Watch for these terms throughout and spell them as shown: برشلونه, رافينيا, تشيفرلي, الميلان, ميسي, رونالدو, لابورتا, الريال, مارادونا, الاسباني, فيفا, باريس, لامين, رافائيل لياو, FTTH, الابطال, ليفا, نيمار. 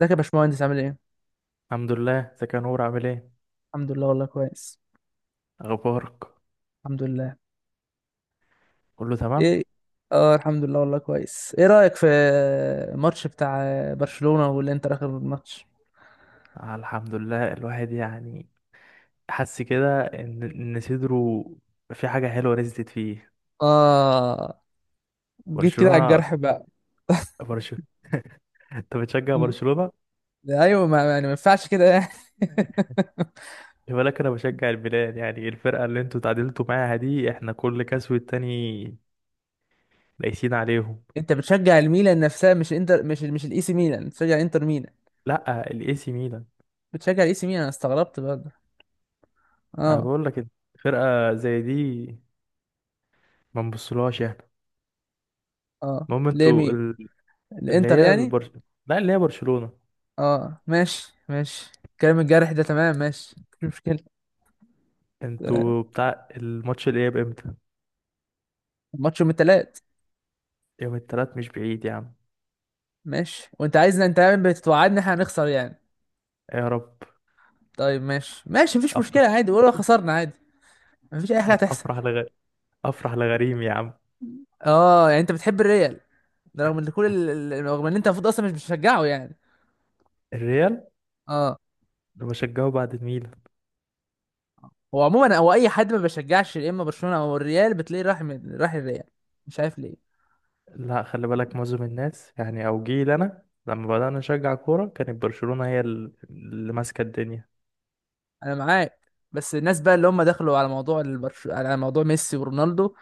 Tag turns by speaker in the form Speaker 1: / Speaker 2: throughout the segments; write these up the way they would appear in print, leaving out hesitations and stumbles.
Speaker 1: ازيك يا باشمهندس، عامل ايه؟
Speaker 2: الحمد لله، ازيك يا نور؟ عامل ايه؟
Speaker 1: الحمد لله والله كويس.
Speaker 2: اخبارك؟
Speaker 1: الحمد لله.
Speaker 2: كله تمام.
Speaker 1: ايه. اه، الحمد لله والله كويس. ايه رأيك في الماتش بتاع برشلونة والانتر اخر الماتش؟
Speaker 2: آه، الحمد لله، الواحد يعني حس كده ان صدره في حاجه حلوه نزلت فيه.
Speaker 1: اه، جيت كده على
Speaker 2: برشلونه.
Speaker 1: الجرح بقى.
Speaker 2: برشلونه. انت بتشجع
Speaker 1: مم.
Speaker 2: برشلونه؟
Speaker 1: ايوه، ما يعني ما ينفعش كده يعني.
Speaker 2: خلي بالك انا بشجع الميلان، يعني الفرقه اللي انتوا تعادلتوا معاها دي احنا كل كاس والتاني قايسين عليهم.
Speaker 1: انت بتشجع الميلان نفسها؟ مش انتر، مش الاي سي ميلان، بتشجع انتر ميلان؟
Speaker 2: لا، الاي سي ميلان.
Speaker 1: بتشجع الاي سي ميلان؟ انا استغربت برضه.
Speaker 2: انا
Speaker 1: اه.
Speaker 2: بقول لك فرقه زي دي ما نبصلهاش احنا.
Speaker 1: اه،
Speaker 2: المهم
Speaker 1: ليه؟
Speaker 2: انتوا
Speaker 1: مين؟
Speaker 2: اللي
Speaker 1: الانتر
Speaker 2: هي
Speaker 1: يعني؟
Speaker 2: لا، اللي هي برشلونه.
Speaker 1: اه ماشي ماشي، كلام الجرح ده تمام ماشي. مش مشكلة.
Speaker 2: انتوا بتاع الماتش الاياب امتى؟
Speaker 1: ماتش يوم التلات.
Speaker 2: يوم التلات مش بعيد يا عم.
Speaker 1: ماشي، وانت عايزنا، انت يعني بتوعدني احنا هنخسر يعني.
Speaker 2: يا رب.
Speaker 1: طيب ماشي ماشي، مفيش
Speaker 2: افرح.
Speaker 1: مشكلة، عادي ولو خسرنا عادي. مفيش أي حاجة هتحصل.
Speaker 2: افرح افرح لغريم يا عم.
Speaker 1: اه يعني انت بتحب الريال ده رغم ان رغم ان انت المفروض اصلا مش بتشجعه يعني.
Speaker 2: الريال
Speaker 1: اه.
Speaker 2: ده بشجعه بعد الميلان.
Speaker 1: هو عموما، هو اي حد ما بيشجعش يا اما برشلونة او الريال بتلاقيه راح الريال. مش عارف ليه.
Speaker 2: لا، خلي بالك معظم الناس يعني، او جيل انا لما بدأنا نشجع كورة كانت برشلونة هي اللي ماسكة الدنيا.
Speaker 1: انا معاك. بس الناس بقى اللي هم دخلوا على على موضوع ميسي ورونالدو،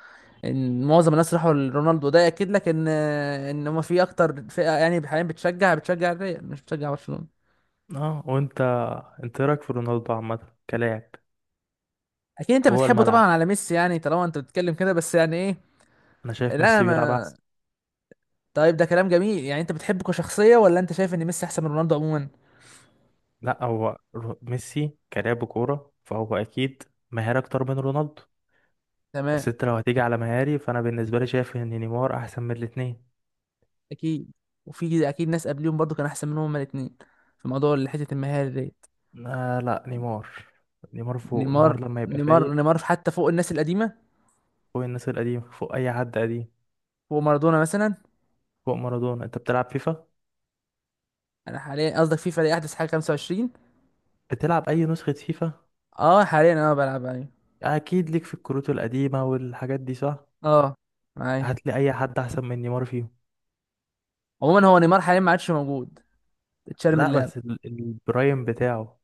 Speaker 1: ان معظم الناس راحوا لرونالدو، ده ياكد لك ان هم في اكتر فئه يعني حاليا بتشجع الريال، مش بتشجع برشلونه.
Speaker 2: اه، وانت إيه رايك في رونالدو عامة؟ كلاعب
Speaker 1: اكيد انت
Speaker 2: جوه
Speaker 1: بتحبه طبعا
Speaker 2: الملعب،
Speaker 1: على ميسي يعني، طالما انت بتتكلم كده، بس يعني ايه؟
Speaker 2: انا شايف
Speaker 1: لا
Speaker 2: ميسي بيلعب
Speaker 1: ما.
Speaker 2: احسن.
Speaker 1: طيب ده كلام جميل يعني، انت بتحبه كشخصيه، ولا انت شايف ان ميسي احسن من رونالدو عموما؟
Speaker 2: لا هو ميسي كلاعب كورة فهو اكيد ماهر اكتر من رونالدو.
Speaker 1: تمام.
Speaker 2: بس انت لو هتيجي على مهاري فانا بالنسبه لي شايف ان نيمار احسن من الاثنين.
Speaker 1: اكيد. وفي اكيد ناس قبليهم برضو كان احسن منهم هما الاثنين في موضوع اللي حته المهاري ديت.
Speaker 2: آه لا، نيمار، نيمار فوق،
Speaker 1: نيمار.
Speaker 2: نيمار لما يبقى
Speaker 1: نيمار
Speaker 2: فايق
Speaker 1: نيمار في حتى فوق الناس القديمه،
Speaker 2: فوق الناس القديمه، فوق اي حد قديم،
Speaker 1: فوق مارادونا مثلا.
Speaker 2: فوق مارادونا. انت بتلعب فيفا؟
Speaker 1: انا حاليا، قصدك فيفا، دي احدث حاجه، 25.
Speaker 2: بتلعب اي نسخه فيفا؟
Speaker 1: اه حاليا انا بلعب عليه.
Speaker 2: اكيد ليك في الكروت القديمه والحاجات دي صح؟
Speaker 1: اه، معايا.
Speaker 2: هتلاقي اي حد احسن من نيمار فيهم؟
Speaker 1: عموما هو نيمار حاليا ما عادش موجود، اتشال من
Speaker 2: لا
Speaker 1: اللعب.
Speaker 2: بس البرايم بتاعه.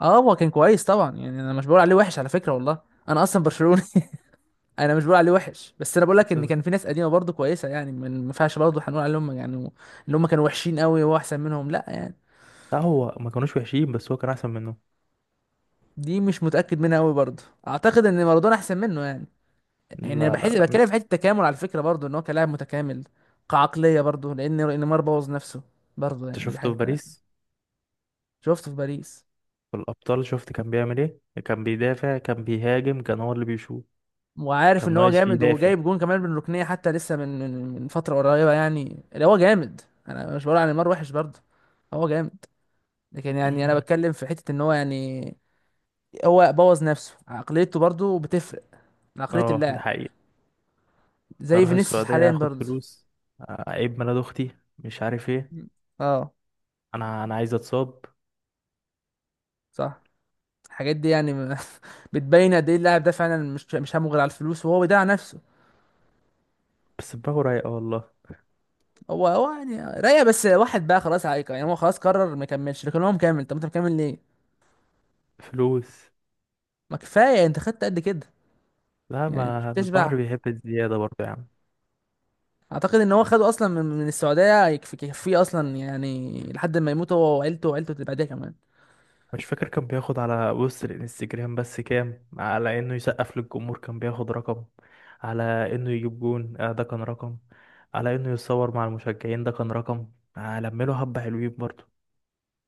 Speaker 1: اه، هو كان كويس طبعا يعني، انا مش بقول عليه وحش على فكره والله، انا اصلا برشلوني. انا مش بقول عليه وحش، بس انا بقول لك ان
Speaker 2: بس
Speaker 1: كان في ناس قديمه برضه كويسه، يعني ما ينفعش برضه هنقول عليهم يعني اللي هم كانوا وحشين قوي وهو احسن منهم، لا يعني.
Speaker 2: لا، هو ما كانوش وحشين بس هو كان احسن منهم.
Speaker 1: دي مش متاكد منها قوي برضه، اعتقد ان مارادونا احسن منه يعني. يعني انا
Speaker 2: لا، لا،
Speaker 1: بحس،
Speaker 2: لا،
Speaker 1: بتكلم في حته التكامل على فكره برضه، ان هو كلاعب متكامل كعقليه برضه، لان نيمار بوظ نفسه برضه،
Speaker 2: انت
Speaker 1: يعني دي
Speaker 2: شفته
Speaker 1: حاجه
Speaker 2: في
Speaker 1: احنا.
Speaker 2: باريس؟
Speaker 1: شفته في باريس.
Speaker 2: في الابطال شفت كان بيعمل ايه؟ كان بيدافع، كان بيهاجم، كان هو اللي بيشوط.
Speaker 1: وعارف
Speaker 2: كان
Speaker 1: ان هو
Speaker 2: ناقص فيه
Speaker 1: جامد،
Speaker 2: دافع.
Speaker 1: وجايب جون كمان من ركنيه حتى لسه من فتره قريبه يعني، اللي هو جامد. انا مش بقول عن نيمار وحش برضه، هو جامد، لكن يعني انا
Speaker 2: مم.
Speaker 1: بتكلم في حته ان هو يعني، هو بوظ نفسه. عقليته برضه بتفرق، عقليه
Speaker 2: اه، ده
Speaker 1: اللاعب،
Speaker 2: حقيقي.
Speaker 1: زي
Speaker 2: هروح
Speaker 1: فينيسيوس
Speaker 2: السعودية
Speaker 1: حاليا
Speaker 2: هاخد
Speaker 1: برضه.
Speaker 2: فلوس، اعيب ميلاد اختي، مش عارف ايه.
Speaker 1: اه
Speaker 2: انا عايز اتصاب.
Speaker 1: صح. الحاجات دي يعني بتبين قد ايه اللاعب ده فعلا، مش همه غير على الفلوس، وهو بيضيع نفسه.
Speaker 2: بس دماغه رايقة والله.
Speaker 1: هو يعني رايق، بس واحد بقى خلاص عايق يعني، هو خلاص قرر ما يكملش، لكن هو مكمل. طب انت مكمل ليه؟
Speaker 2: فلوس.
Speaker 1: ما كفايه انت خدت قد كده.
Speaker 2: لا،
Speaker 1: يعني مش
Speaker 2: ما البحر
Speaker 1: بتشبع.
Speaker 2: بيحب الزيادة برضه يا عم.
Speaker 1: اعتقد ان هو خده اصلا من السعوديه، يكفيه اصلا يعني، لحد ما يموت هو وعيلته، وعيلته اللي بعدها كمان.
Speaker 2: مش فاكر كان بياخد على بص الانستجرام بس كام، على انه يسقف للجمهور كان بياخد رقم، على انه يجيب جون آه ده كان رقم، على انه يتصور مع المشجعين ده كان رقم. آه، لمله حبة حلوين برضه.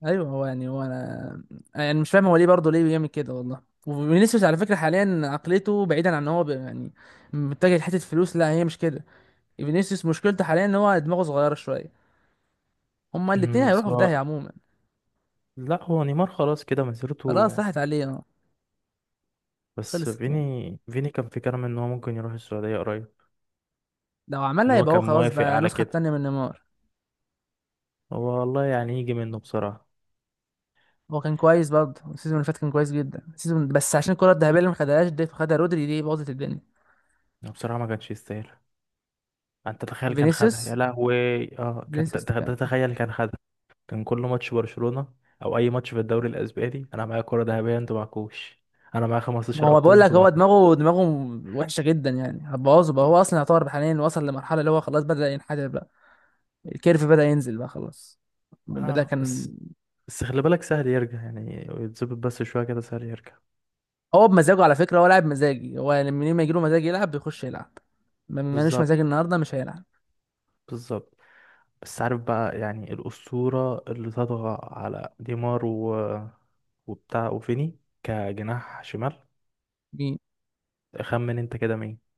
Speaker 1: ايوه هو يعني، هو انا يعني مش فاهم هو ليه برضه، ليه بيعمل كده والله. وفينيسيوس على فكره حاليا عقليته، بعيدا عن ان هو يعني متجه لحته فلوس، لا هي مش كده. فينيسيوس مشكلته حاليا ان هو دماغه صغيره شويه. هما الاتنين
Speaker 2: بس
Speaker 1: هيروحوا في
Speaker 2: هو،
Speaker 1: داهيه عموما.
Speaker 2: لا، هو نيمار خلاص كده
Speaker 1: خلاص
Speaker 2: مسيرته.
Speaker 1: راحت عليه اه.
Speaker 2: بس
Speaker 1: خلصت يعني.
Speaker 2: فيني كان في كلام ان هو ممكن يروح السعودية قريب.
Speaker 1: لو
Speaker 2: ان
Speaker 1: عملها
Speaker 2: هو
Speaker 1: يبقى هو
Speaker 2: كان
Speaker 1: خلاص
Speaker 2: موافق
Speaker 1: بقى
Speaker 2: على
Speaker 1: النسخه
Speaker 2: كده.
Speaker 1: التانيه من نيمار.
Speaker 2: هو والله يعني يجي منه بصراحة.
Speaker 1: هو كان كويس برضه، السيزون اللي فات كان كويس جدا السيزون، بس عشان الكرة الذهبية اللي ما خدهاش دي، خدها رودري دي، باظت الدنيا.
Speaker 2: يعني بصراحة ما كانش يستاهل يعني. انت تخيل كان خدها؟ يا
Speaker 1: فينيسيوس
Speaker 2: لهوي. اه كان
Speaker 1: فينيسيوس كان.
Speaker 2: تخيل كان خدها. كان كل ماتش برشلونة او اي ماتش في الدوري الاسباني انا معايا كرة ذهبية انتوا معكوش. انا معايا
Speaker 1: ما
Speaker 2: 15
Speaker 1: هو
Speaker 2: ابطال
Speaker 1: بقول لك،
Speaker 2: انتوا
Speaker 1: هو
Speaker 2: معكوش.
Speaker 1: دماغه وحشة جدا يعني، هتبوظه بقى،
Speaker 2: مم.
Speaker 1: هو اصلا يعتبر حاليا وصل لمرحلة اللي هو خلاص بدأ ينحدر بقى. الكيرف بدأ ينزل بقى خلاص، من بدأ
Speaker 2: اه
Speaker 1: كان.
Speaker 2: بس خلي بالك سهل يرجع يعني، يتظبط بس شوية كده سهل يرجع.
Speaker 1: هو بمزاجه على فكرة، هو لاعب مزاجي، هو لما يجيله مزاج يلعب بيخش يلعب. مالوش
Speaker 2: بالظبط.
Speaker 1: مزاج النهاردة مش هيلعب.
Speaker 2: بالظبط. بس عارف بقى يعني الأسطورة اللي تطغى على ديمار وبتاع وفيني كجناح شمال؟
Speaker 1: مين؟
Speaker 2: خمن انت كده مين.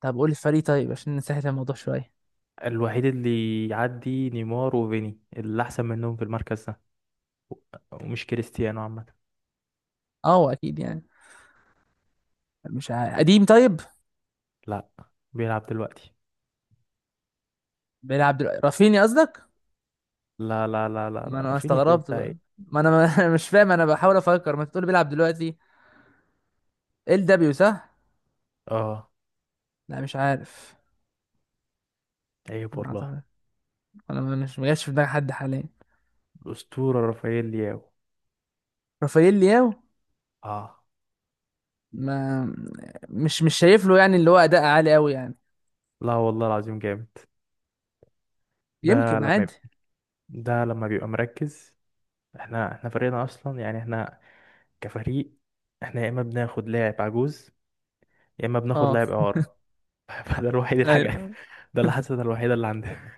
Speaker 1: طب قول الفريق طيب عشان نسهل الموضوع شوية.
Speaker 2: الوحيد اللي يعدي نيمار وفيني اللي أحسن منهم في المركز ده، و- ومش كريستيانو عامة.
Speaker 1: اه هو اكيد يعني. مش عارف. قديم؟ طيب.
Speaker 2: لا، بيلعب دلوقتي.
Speaker 1: بيلعب دلوقتي؟ رافينيا قصدك؟
Speaker 2: لا، لا، لا، لا،
Speaker 1: ما
Speaker 2: لا،
Speaker 1: انا
Speaker 2: رافينيا ايه
Speaker 1: استغربت
Speaker 2: وبتاع
Speaker 1: بقى،
Speaker 2: ايه.
Speaker 1: ما انا ما مش فاهم، انا بحاول افكر، ما تقول بيلعب دلوقتي. ال دبليو صح.
Speaker 2: اه،
Speaker 1: لا مش عارف.
Speaker 2: عيب
Speaker 1: ما
Speaker 2: والله.
Speaker 1: اعتقد. انا مش ما جاش في دماغي حد حاليا.
Speaker 2: الأسطورة رافائيل لياو.
Speaker 1: رافائيل لياو.
Speaker 2: اه
Speaker 1: ما مش شايف له يعني اللي هو اداء عالي قوي يعني،
Speaker 2: لا، والله العظيم جامد. ده
Speaker 1: يمكن
Speaker 2: لما
Speaker 1: عادي.
Speaker 2: يبقى ده لما بيبقى مركز، احنا فريقنا اصلا يعني احنا، كفريق، احنا يا اما بناخد لاعب عجوز يا اما بناخد
Speaker 1: اه.
Speaker 2: لاعب اعاره. فده الوحيد الحاجه،
Speaker 1: ايوه،
Speaker 2: ده الحسنه الوحيده اللي عندنا.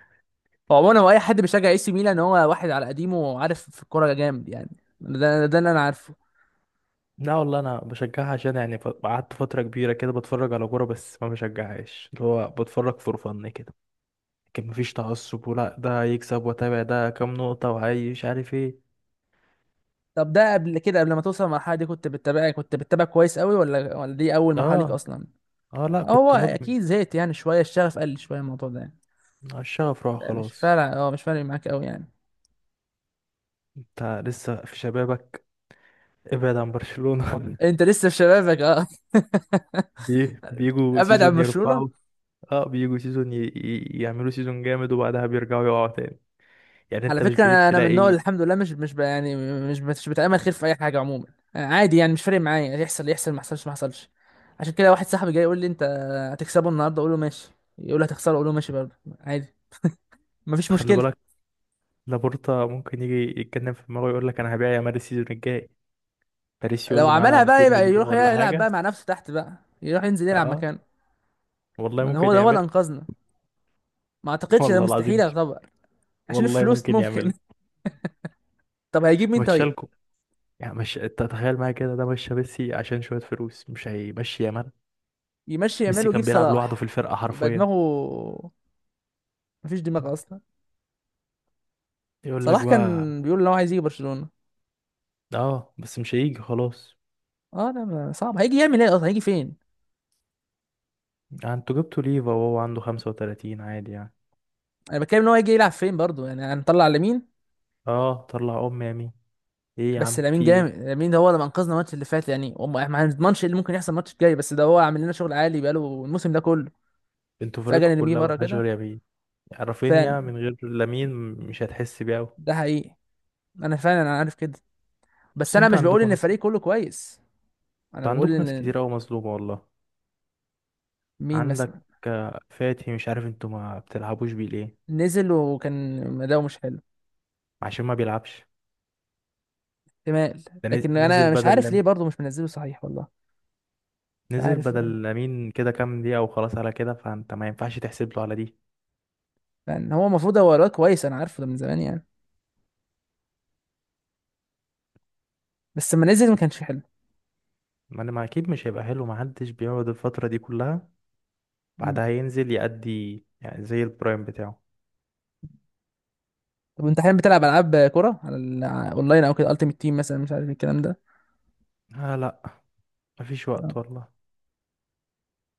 Speaker 1: هو عموما هو اي حد بيشجع اي سي ميلان هو واحد على قديمه وعارف في الكوره جامد يعني، ده اللي انا عارفه.
Speaker 2: لا والله انا بشجعها عشان يعني قعدت فتره كبيره كده بتفرج على كوره بس ما بشجعهاش، اللي هو بتفرج فور فن كده. لكن مفيش تعصب ولا ده يكسب واتابع ده كام نقطه وعايز مش عارف ايه.
Speaker 1: طب ده قبل كده، قبل ما توصل المرحله دي، كنت بتتابع كويس قوي؟ ولا دي اول مرحله ليك
Speaker 2: اه.
Speaker 1: اصلا؟
Speaker 2: اه لا،
Speaker 1: هو
Speaker 2: كنت مدمن.
Speaker 1: اكيد زهقت يعني شويه، الشغف قل شويه الموضوع ده يعني.
Speaker 2: الشغف راح
Speaker 1: ده مش
Speaker 2: خلاص.
Speaker 1: فارق، مش فارق معاك قوي يعني.
Speaker 2: انت لسه في شبابك، ابعد عن برشلونه.
Speaker 1: انت لسه في شبابك اه.
Speaker 2: بيجوا
Speaker 1: ابعد عن
Speaker 2: سيزون
Speaker 1: برشلونه.
Speaker 2: يرفعوا. اه، بيجوا سيزون يعملوا سيزون جامد وبعدها بيرجعوا يقعوا تاني. يعني
Speaker 1: على
Speaker 2: انت مش
Speaker 1: فكره،
Speaker 2: بعيد
Speaker 1: انا من النوع
Speaker 2: تلاقي.
Speaker 1: اللي الحمد لله مش مش ب- يعني مش بتامل خير في اي حاجه عموما. آه، عادي يعني مش فارق معايا، يحصل يحصل، ما يحصلش ما حصلش. عشان كده واحد صاحبي جاي يقول لي انت هتكسبه النهارده، اقول له ماشي. يقول لي هتخسره، اقول له ماشي برضه، عادي، مفيش
Speaker 2: خلي
Speaker 1: مشكله.
Speaker 2: بالك لابورتا ممكن يجي يتكلم في دماغه يقول لك انا هبيع يا ماري، السيزون الجاي باريس يقول
Speaker 1: لو
Speaker 2: له معانا
Speaker 1: عملها
Speaker 2: 200
Speaker 1: بقى يبقى
Speaker 2: مليون
Speaker 1: يروح
Speaker 2: ولا
Speaker 1: يلعب بقى
Speaker 2: حاجه.
Speaker 1: مع نفسه تحت بقى، يروح ينزل يلعب
Speaker 2: اه
Speaker 1: مكانه.
Speaker 2: والله
Speaker 1: ما هو
Speaker 2: ممكن
Speaker 1: ده هو اللي
Speaker 2: يعملها.
Speaker 1: انقذنا. ما اعتقدش ده
Speaker 2: والله العظيم
Speaker 1: مستحيل
Speaker 2: مش،
Speaker 1: يعتبر. عشان
Speaker 2: والله
Speaker 1: الفلوس
Speaker 2: ممكن
Speaker 1: ممكن.
Speaker 2: يعملها.
Speaker 1: طب هيجيب مين طيب؟
Speaker 2: مشالكوا. يعني مش انت تخيل معايا كده، ده مشى ميسي عشان شويه فلوس مش هيمشي يا مال.
Speaker 1: يمشي يعمل
Speaker 2: ميسي
Speaker 1: ويجيب
Speaker 2: كان بيلعب لوحده في
Speaker 1: صلاح.
Speaker 2: الفرقه
Speaker 1: يبقى
Speaker 2: حرفيا.
Speaker 1: دماغه، مفيش دماغ اصلا.
Speaker 2: يقول لك
Speaker 1: صلاح
Speaker 2: بقى.
Speaker 1: كان بيقول ان هو عايز يجي برشلونة.
Speaker 2: اه بس مش هيجي خلاص.
Speaker 1: اه، لا، صعب، هيجي يعمل ايه اصلا؟ هيجي فين؟
Speaker 2: يعني انتوا جبتوا ليفا وهو عنده 35 عادي يعني.
Speaker 1: انا بتكلم ان هو هيجي يلعب فين برضو يعني، هنطلع لامين؟
Speaker 2: اه، طلع ام يمين. ايه يا
Speaker 1: بس
Speaker 2: عم
Speaker 1: لامين
Speaker 2: في ايه.
Speaker 1: جامد، لامين ده هو اللي انقذنا الماتش اللي فات يعني، احنا ما هنضمنش ايه اللي ممكن يحصل الماتش الجاي، بس ده هو عامل لنا شغل عالي بقاله الموسم ده كله.
Speaker 2: انتوا فرقكم
Speaker 1: فجأة نرميه
Speaker 2: كلها
Speaker 1: بره
Speaker 2: ملهاش غير
Speaker 1: كده.
Speaker 2: يمين. رافينيا
Speaker 1: فعلا.
Speaker 2: من غير لامين مش هتحس بيه اوي.
Speaker 1: ده حقيقي. انا فعلا انا عارف كده. بس
Speaker 2: بس
Speaker 1: انا
Speaker 2: انتوا
Speaker 1: مش بقول
Speaker 2: عندكم
Speaker 1: ان
Speaker 2: ناس،
Speaker 1: الفريق كله كويس. انا بقول ان.
Speaker 2: كتير اوي مظلومه والله.
Speaker 1: مين مثلا؟
Speaker 2: عندك، فاتي، مش عارف انتوا ما بتلعبوش بيه ليه.
Speaker 1: نزل وكان أداؤه مش حلو.
Speaker 2: عشان ما بيلعبش.
Speaker 1: احتمال.
Speaker 2: ده
Speaker 1: لكن
Speaker 2: نزل
Speaker 1: انا مش
Speaker 2: بدل
Speaker 1: عارف ليه
Speaker 2: لامين.
Speaker 1: برضه، مش منزله صحيح والله. مش
Speaker 2: نزل
Speaker 1: عارف يعني.
Speaker 2: بدل لامين كده كام دقيقه وخلاص، على كده فانت ما ينفعش تحسب له على دي.
Speaker 1: لان هو المفروض، هو الواد كويس انا عارفه ده من زمان يعني، بس لما نزل ما كانش حلو.
Speaker 2: ما انا ما اكيد مش هيبقى حلو، ما حدش بيقعد الفتره دي كلها
Speaker 1: مم.
Speaker 2: بعدها ينزل يأدي يعني زي البرايم بتاعه.
Speaker 1: طب انت حاليا بتلعب العاب كوره على اونلاين او كده، التيمت تيم مثلا، مش عارف الكلام ده؟
Speaker 2: آه لا، مفيش
Speaker 1: اه.
Speaker 2: وقت والله.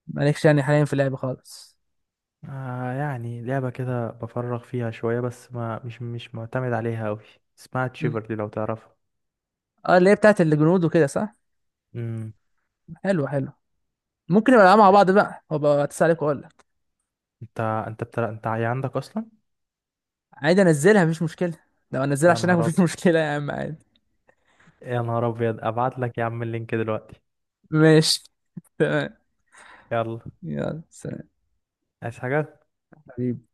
Speaker 1: مالكش يعني حاليا في اللعب خالص.
Speaker 2: آه يعني لعبة كده بفرغ فيها شوية بس ما مش مش معتمد عليها أوي. اسمها
Speaker 1: مم.
Speaker 2: تشيفرلي لو تعرفها.
Speaker 1: اه، اللي هي بتاعت الجنود وكده صح؟
Speaker 2: امم.
Speaker 1: حلو حلو. ممكن نبقى نلعب مع بعض بقى، هبقى اتصل عليك واقول لك.
Speaker 2: انت عندك اصلا؟
Speaker 1: عادي انزلها مفيش مشكله. لو انزلها
Speaker 2: يا
Speaker 1: عشانك
Speaker 2: نهار
Speaker 1: مفيش
Speaker 2: ابيض.
Speaker 1: مشكله يا عم، عادي.
Speaker 2: يا نهار ابيض، ابعت لك يا عم اللينك دلوقتي.
Speaker 1: ماشي. تمام.
Speaker 2: يلا.
Speaker 1: يلا سلام.
Speaker 2: عايز حاجة؟
Speaker 1: حبيبي.